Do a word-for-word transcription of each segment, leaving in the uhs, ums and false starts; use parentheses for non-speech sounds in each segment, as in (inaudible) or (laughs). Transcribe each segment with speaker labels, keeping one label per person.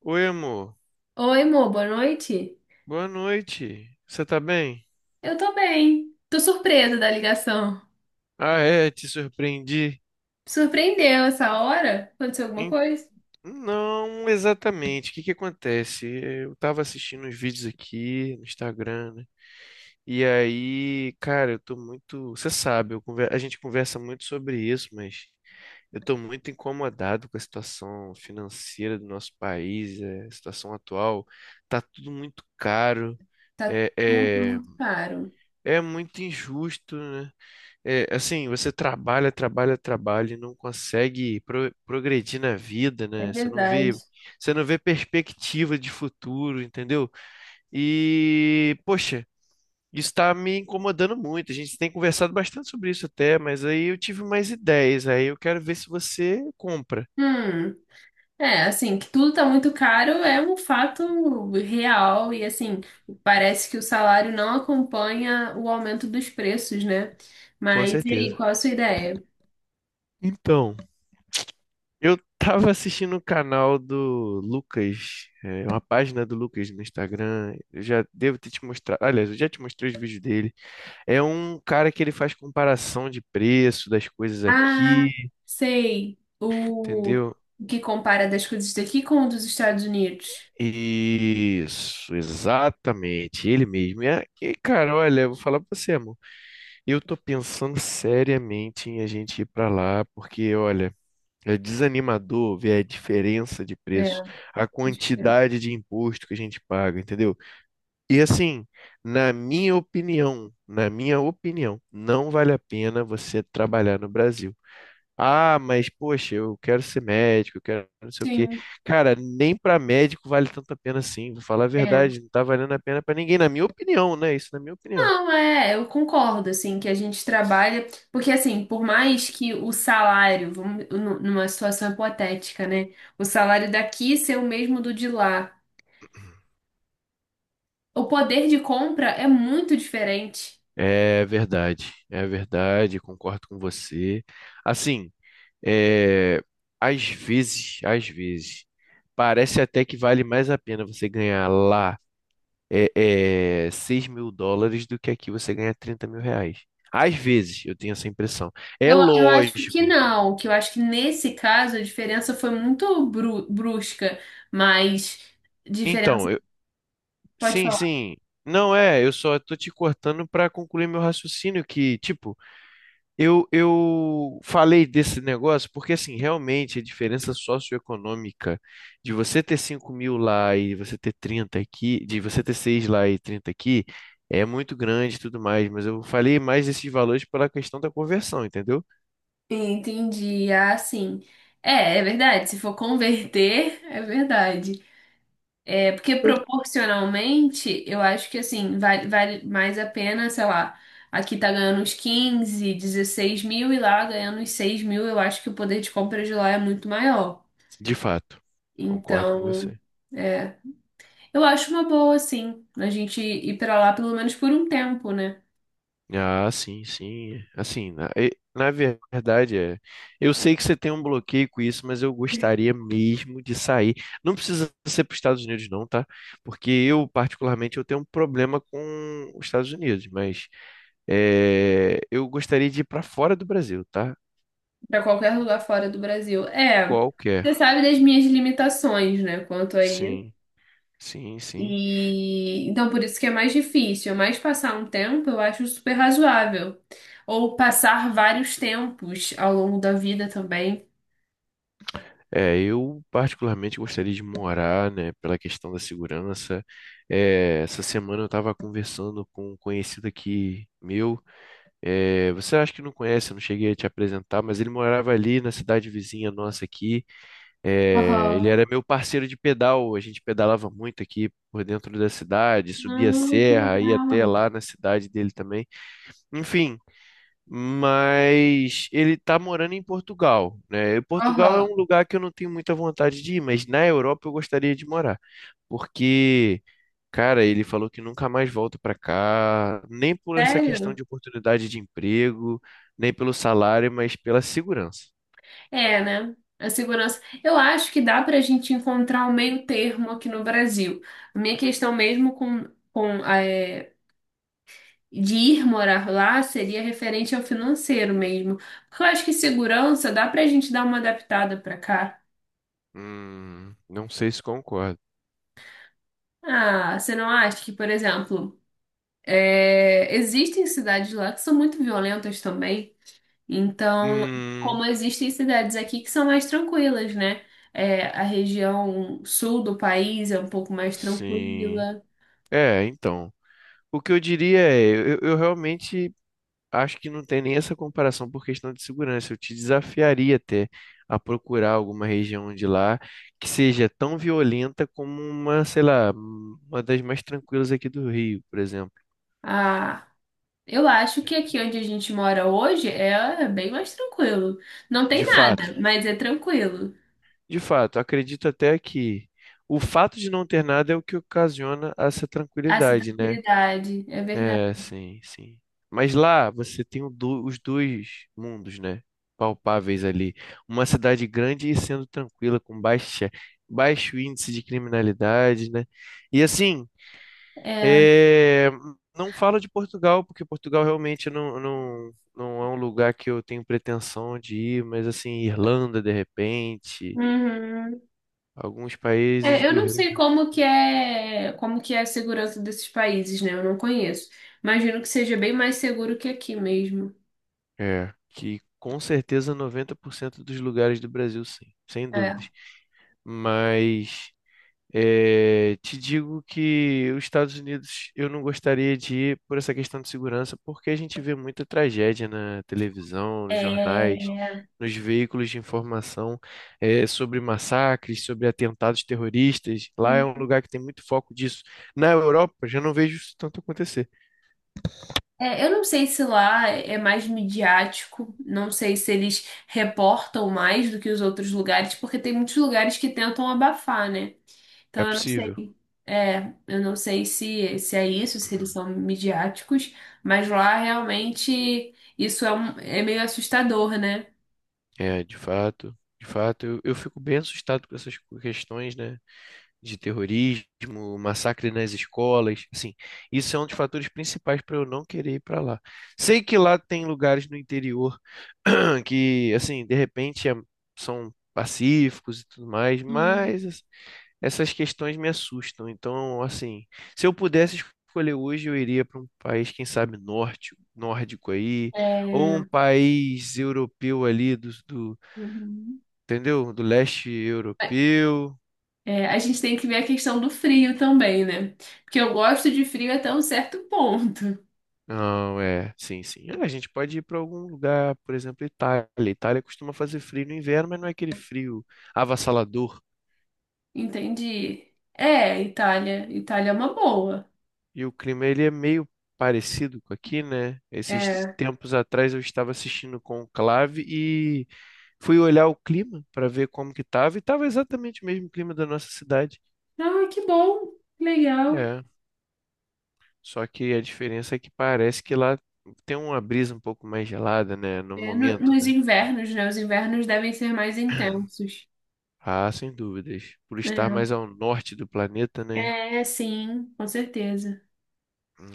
Speaker 1: Oi, amor.
Speaker 2: Oi, amor, boa noite.
Speaker 1: Boa noite. Você tá bem?
Speaker 2: Eu tô bem. Tô surpresa da ligação.
Speaker 1: Ah, é, te surpreendi.
Speaker 2: Surpreendeu essa hora? Aconteceu alguma
Speaker 1: Em-
Speaker 2: coisa?
Speaker 1: Não exatamente. O que que acontece? Eu tava assistindo uns vídeos aqui no Instagram, né? E aí, cara, eu tô muito. Você sabe, eu conver- a gente conversa muito sobre isso, mas eu tô muito incomodado com a situação financeira do nosso país, é, a situação atual. Tá tudo muito caro.
Speaker 2: Tá
Speaker 1: É,
Speaker 2: tudo
Speaker 1: é,
Speaker 2: muito caro.
Speaker 1: é muito injusto, né? É, assim, você trabalha, trabalha, trabalha e não consegue pro- progredir na vida,
Speaker 2: É
Speaker 1: né? Você não
Speaker 2: verdade.
Speaker 1: vê, você não vê perspectiva de futuro, entendeu? E, poxa, isso está me incomodando muito. A gente tem conversado bastante sobre isso até, mas aí eu tive mais ideias, aí eu quero ver se você compra,
Speaker 2: Hum, É, assim, que tudo tá muito caro é um fato real e, assim, parece que o salário não acompanha o aumento dos preços, né?
Speaker 1: com
Speaker 2: Mas e aí,
Speaker 1: certeza.
Speaker 2: qual a sua ideia?
Speaker 1: Então, eu tava assistindo o canal do Lucas, é, uma página do Lucas no Instagram. Eu já devo ter te mostrado, aliás, eu já te mostrei os vídeos dele. É um cara que ele faz comparação de preço das coisas
Speaker 2: Ah,
Speaker 1: aqui,
Speaker 2: sei. O
Speaker 1: entendeu?
Speaker 2: o que compara das coisas daqui com o dos Estados Unidos.
Speaker 1: Isso, exatamente, ele mesmo. E, a- e, cara, olha, eu vou falar pra você, amor. Eu tô pensando seriamente em a gente ir pra lá, porque, olha, é desanimador ver a diferença de preço, a
Speaker 2: É.
Speaker 1: quantidade de imposto que a gente paga, entendeu? E assim, na minha opinião, na minha opinião, não vale a pena você trabalhar no Brasil. Ah, mas poxa, eu quero ser médico, eu quero não sei o quê.
Speaker 2: Sim.
Speaker 1: Cara, nem para médico vale tanto a pena assim, vou falar a
Speaker 2: É.
Speaker 1: verdade, não tá valendo a pena para ninguém, na minha opinião, né? Isso na minha opinião.
Speaker 2: Não, é, eu concordo, assim, que a gente trabalha, porque assim, por mais que o salário, vamos, nu- numa situação hipotética, né? O salário daqui ser o mesmo do de lá, o poder de compra é muito diferente.
Speaker 1: É verdade, é verdade, concordo com você. Assim, é, às vezes, às vezes, parece até que vale mais a pena você ganhar lá é, é, seis mil dólares mil dólares do que aqui você ganhar trinta mil reais. Às vezes, eu tenho essa impressão. É
Speaker 2: Eu, eu acho que
Speaker 1: lógico.
Speaker 2: não, que eu acho que nesse caso a diferença foi muito bru- brusca, mas diferença,
Speaker 1: Então, eu,
Speaker 2: pode
Speaker 1: sim,
Speaker 2: falar.
Speaker 1: sim. Não é, eu só tô te cortando para concluir meu raciocínio que, tipo, eu eu falei desse negócio porque assim, realmente a diferença socioeconômica de você ter cinco mil lá e você ter trinta aqui, de você ter seis lá e trinta aqui, é muito grande e tudo mais, mas eu falei mais desses valores pela questão da conversão, entendeu?
Speaker 2: Entendi, ah, sim. É, é verdade, se for converter, é verdade. É porque proporcionalmente, eu acho que assim, vale, vale mais a pena, sei lá, aqui tá ganhando uns quinze, dezesseis mil e lá ganhando uns seis mil, eu acho que o poder de compra de lá é muito maior.
Speaker 1: De fato. Concordo com
Speaker 2: Então,
Speaker 1: você.
Speaker 2: é. Eu acho uma boa, assim, a gente ir pra lá pelo menos por um tempo, né?
Speaker 1: Ah, sim, sim. Assim, na, e- na verdade, é. Eu sei que você tem um bloqueio com isso, mas eu gostaria mesmo de sair. Não precisa ser para os Estados Unidos, não, tá? Porque eu, particularmente, eu tenho um problema com os Estados Unidos, mas é, eu gostaria de ir para fora do Brasil, tá?
Speaker 2: Pra qualquer lugar fora do Brasil. É,
Speaker 1: Qualquer.
Speaker 2: você sabe das minhas limitações, né? Quanto aí.
Speaker 1: Sim, sim, sim.
Speaker 2: E então por isso que é mais difícil, mas passar um tempo eu acho super razoável. Ou passar vários tempos ao longo da vida também.
Speaker 1: É, eu particularmente gostaria de morar, né, pela questão da segurança. É, essa semana eu estava conversando com um conhecido aqui meu. É, você acha que não conhece, eu não cheguei a te apresentar, mas ele morava ali na cidade vizinha nossa aqui. É, ele
Speaker 2: Aham.
Speaker 1: era meu parceiro de pedal, a gente pedalava muito aqui por dentro da cidade, subia a
Speaker 2: Ah, que
Speaker 1: serra, ia até
Speaker 2: legal.
Speaker 1: lá na cidade dele também. Enfim, mas ele tá morando em Portugal, né? E Portugal é
Speaker 2: Aham.
Speaker 1: um lugar que eu não tenho muita vontade de ir, mas na Europa eu gostaria de morar, porque, cara, ele falou que nunca mais volta para cá, nem por essa questão
Speaker 2: Sério?
Speaker 1: de oportunidade de emprego, nem pelo salário, mas pela segurança.
Speaker 2: É, né? A segurança. Eu acho que dá pra gente encontrar um meio termo aqui no Brasil. A minha questão mesmo com, com é, de ir morar lá seria referente ao financeiro mesmo. Porque eu acho que segurança dá pra gente dar uma adaptada pra cá.
Speaker 1: Hum, não sei se concordo.
Speaker 2: Ah, você não acha que, por exemplo, é, existem cidades lá que são muito violentas também? Então,
Speaker 1: Hum,
Speaker 2: como existem cidades aqui que são mais tranquilas, né? É, a região sul do país é um pouco mais
Speaker 1: sim.
Speaker 2: tranquila.
Speaker 1: É, então. O que eu diria é, eu, eu realmente acho que não tem nem essa comparação por questão de segurança. Eu te desafiaria até a procurar alguma região de lá que seja tão violenta como uma, sei lá, uma das mais tranquilas aqui do Rio, por exemplo.
Speaker 2: Ah, eu acho que aqui onde a gente mora hoje é é bem mais tranquilo. Não
Speaker 1: De
Speaker 2: tem
Speaker 1: fato,
Speaker 2: nada, mas é tranquilo.
Speaker 1: de fato, acredito até que o fato de não ter nada é o que ocasiona essa
Speaker 2: Essa
Speaker 1: tranquilidade, né?
Speaker 2: tranquilidade, é verdade.
Speaker 1: É, sim, sim. Mas lá você tem o do- os dois mundos, né? Palpáveis ali. Uma cidade grande e sendo tranquila, com baixa, baixo índice de criminalidade, né? E assim, é, não falo de Portugal, porque Portugal realmente não, não, não é um lugar que eu tenho pretensão de ir, mas assim, Irlanda, de repente,
Speaker 2: Uhum.
Speaker 1: alguns países
Speaker 2: É, eu
Speaker 1: do
Speaker 2: não
Speaker 1: Reino.
Speaker 2: sei como que é, como que é a segurança desses países, né? Eu não conheço. Imagino que seja bem mais seguro que aqui mesmo.
Speaker 1: É, que com certeza noventa por cento dos lugares do Brasil, sim, sem dúvida.
Speaker 2: É.
Speaker 1: Mas eh, te digo que os Estados Unidos eu não gostaria de ir por essa questão de segurança, porque a gente vê muita tragédia na televisão, nos jornais,
Speaker 2: É,
Speaker 1: nos veículos de informação eh, sobre massacres, sobre atentados terroristas. Lá é um
Speaker 2: sim.
Speaker 1: lugar que tem muito foco disso. Na Europa já não vejo isso tanto acontecer.
Speaker 2: É, eu não sei se lá é mais midiático, não sei se eles reportam mais do que os outros lugares, porque tem muitos lugares que tentam abafar, né?
Speaker 1: É
Speaker 2: Então eu não
Speaker 1: possível,
Speaker 2: sei. É, eu não sei se, se é isso, se eles são midiáticos, mas lá realmente isso é, um- é meio assustador, né?
Speaker 1: é de fato. De fato, eu, eu fico bem assustado com essas questões, né? De terrorismo, massacre nas escolas, assim, isso é um dos fatores principais para eu não querer ir para lá. Sei que lá tem lugares no interior (clears throat) que, assim, de repente é- são pacíficos e tudo mais, mas es- essas questões me assustam. Então, assim, se eu pudesse escolher hoje, eu iria para um país, quem sabe, norte, nórdico aí, ou
Speaker 2: É,
Speaker 1: um país europeu ali do, do,
Speaker 2: uhum.
Speaker 1: entendeu? Do leste europeu.
Speaker 2: É, a gente tem que ver a questão do frio também, né? Porque eu gosto de frio até um certo ponto. (laughs)
Speaker 1: Não, é, sim, sim. Ah, a gente pode ir para algum lugar, por exemplo, Itália. Itália costuma fazer frio no inverno, mas não é aquele frio avassalador.
Speaker 2: Entendi. É, Itália. Itália é uma boa.
Speaker 1: E o clima ele é meio parecido com aqui, né? Esses
Speaker 2: É.
Speaker 1: tempos atrás eu estava assistindo Conclave e fui olhar o clima para ver como que tava e tava exatamente o mesmo clima da nossa cidade.
Speaker 2: Ah, que bom. Legal.
Speaker 1: É, só que a diferença é que parece que lá tem uma brisa um pouco mais gelada, né? No
Speaker 2: É, no-
Speaker 1: momento,
Speaker 2: nos
Speaker 1: né?
Speaker 2: invernos, né? Os invernos devem ser mais intensos.
Speaker 1: Ah, sem dúvidas. Por estar mais ao norte do planeta, né?
Speaker 2: É, é sim, com certeza.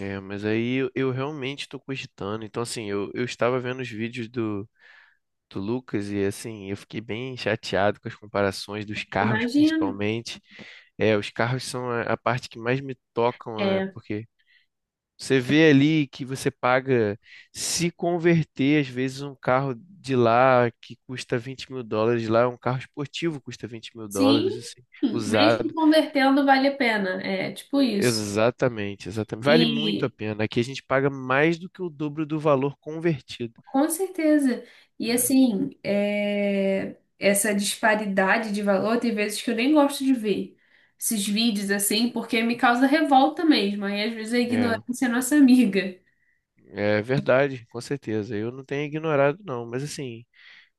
Speaker 1: É, mas aí eu, eu realmente estou cogitando. Então, assim, eu, eu estava vendo os vídeos do, do Lucas e, assim, eu fiquei bem chateado com as comparações dos carros,
Speaker 2: Imagino.
Speaker 1: principalmente. É, os carros são a, a parte que mais me tocam, né?
Speaker 2: É,
Speaker 1: Porque você vê ali que você paga, se converter, às vezes, um carro de lá que custa vinte mil dólares, lá é um carro esportivo custa vinte mil
Speaker 2: sim.
Speaker 1: dólares, assim,
Speaker 2: Mesmo
Speaker 1: usado.
Speaker 2: convertendo, vale a pena. É tipo isso.
Speaker 1: Exatamente, exatamente. Vale muito a
Speaker 2: E
Speaker 1: pena. Aqui a gente paga mais do que o dobro do valor convertido.
Speaker 2: com certeza. E
Speaker 1: Né?
Speaker 2: assim, é, essa disparidade de valor tem vezes que eu nem gosto de ver esses vídeos assim, porque me causa revolta mesmo. Aí às vezes a
Speaker 1: É,
Speaker 2: ignorância é nossa amiga.
Speaker 1: é verdade, com certeza. Eu não tenho ignorado, não. Mas assim,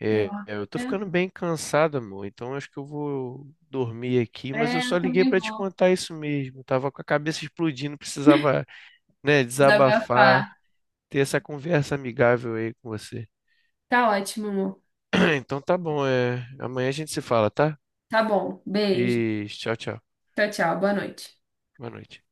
Speaker 1: é, é, eu tô
Speaker 2: É, é,
Speaker 1: ficando bem cansado, amor. Então acho que eu vou dormir aqui. Mas eu
Speaker 2: é,
Speaker 1: só
Speaker 2: eu
Speaker 1: liguei
Speaker 2: também
Speaker 1: pra te
Speaker 2: vou
Speaker 1: contar isso mesmo. Tava com a cabeça explodindo, precisava, né,
Speaker 2: desabafar.
Speaker 1: desabafar, ter essa conversa amigável aí com você.
Speaker 2: Tá ótimo, amor.
Speaker 1: (clears throat) Então tá bom. É, amanhã a gente se fala, tá?
Speaker 2: Tá bom. Beijo.
Speaker 1: Beijo, tchau, tchau.
Speaker 2: Tchau, tchau. Boa noite.
Speaker 1: Boa noite.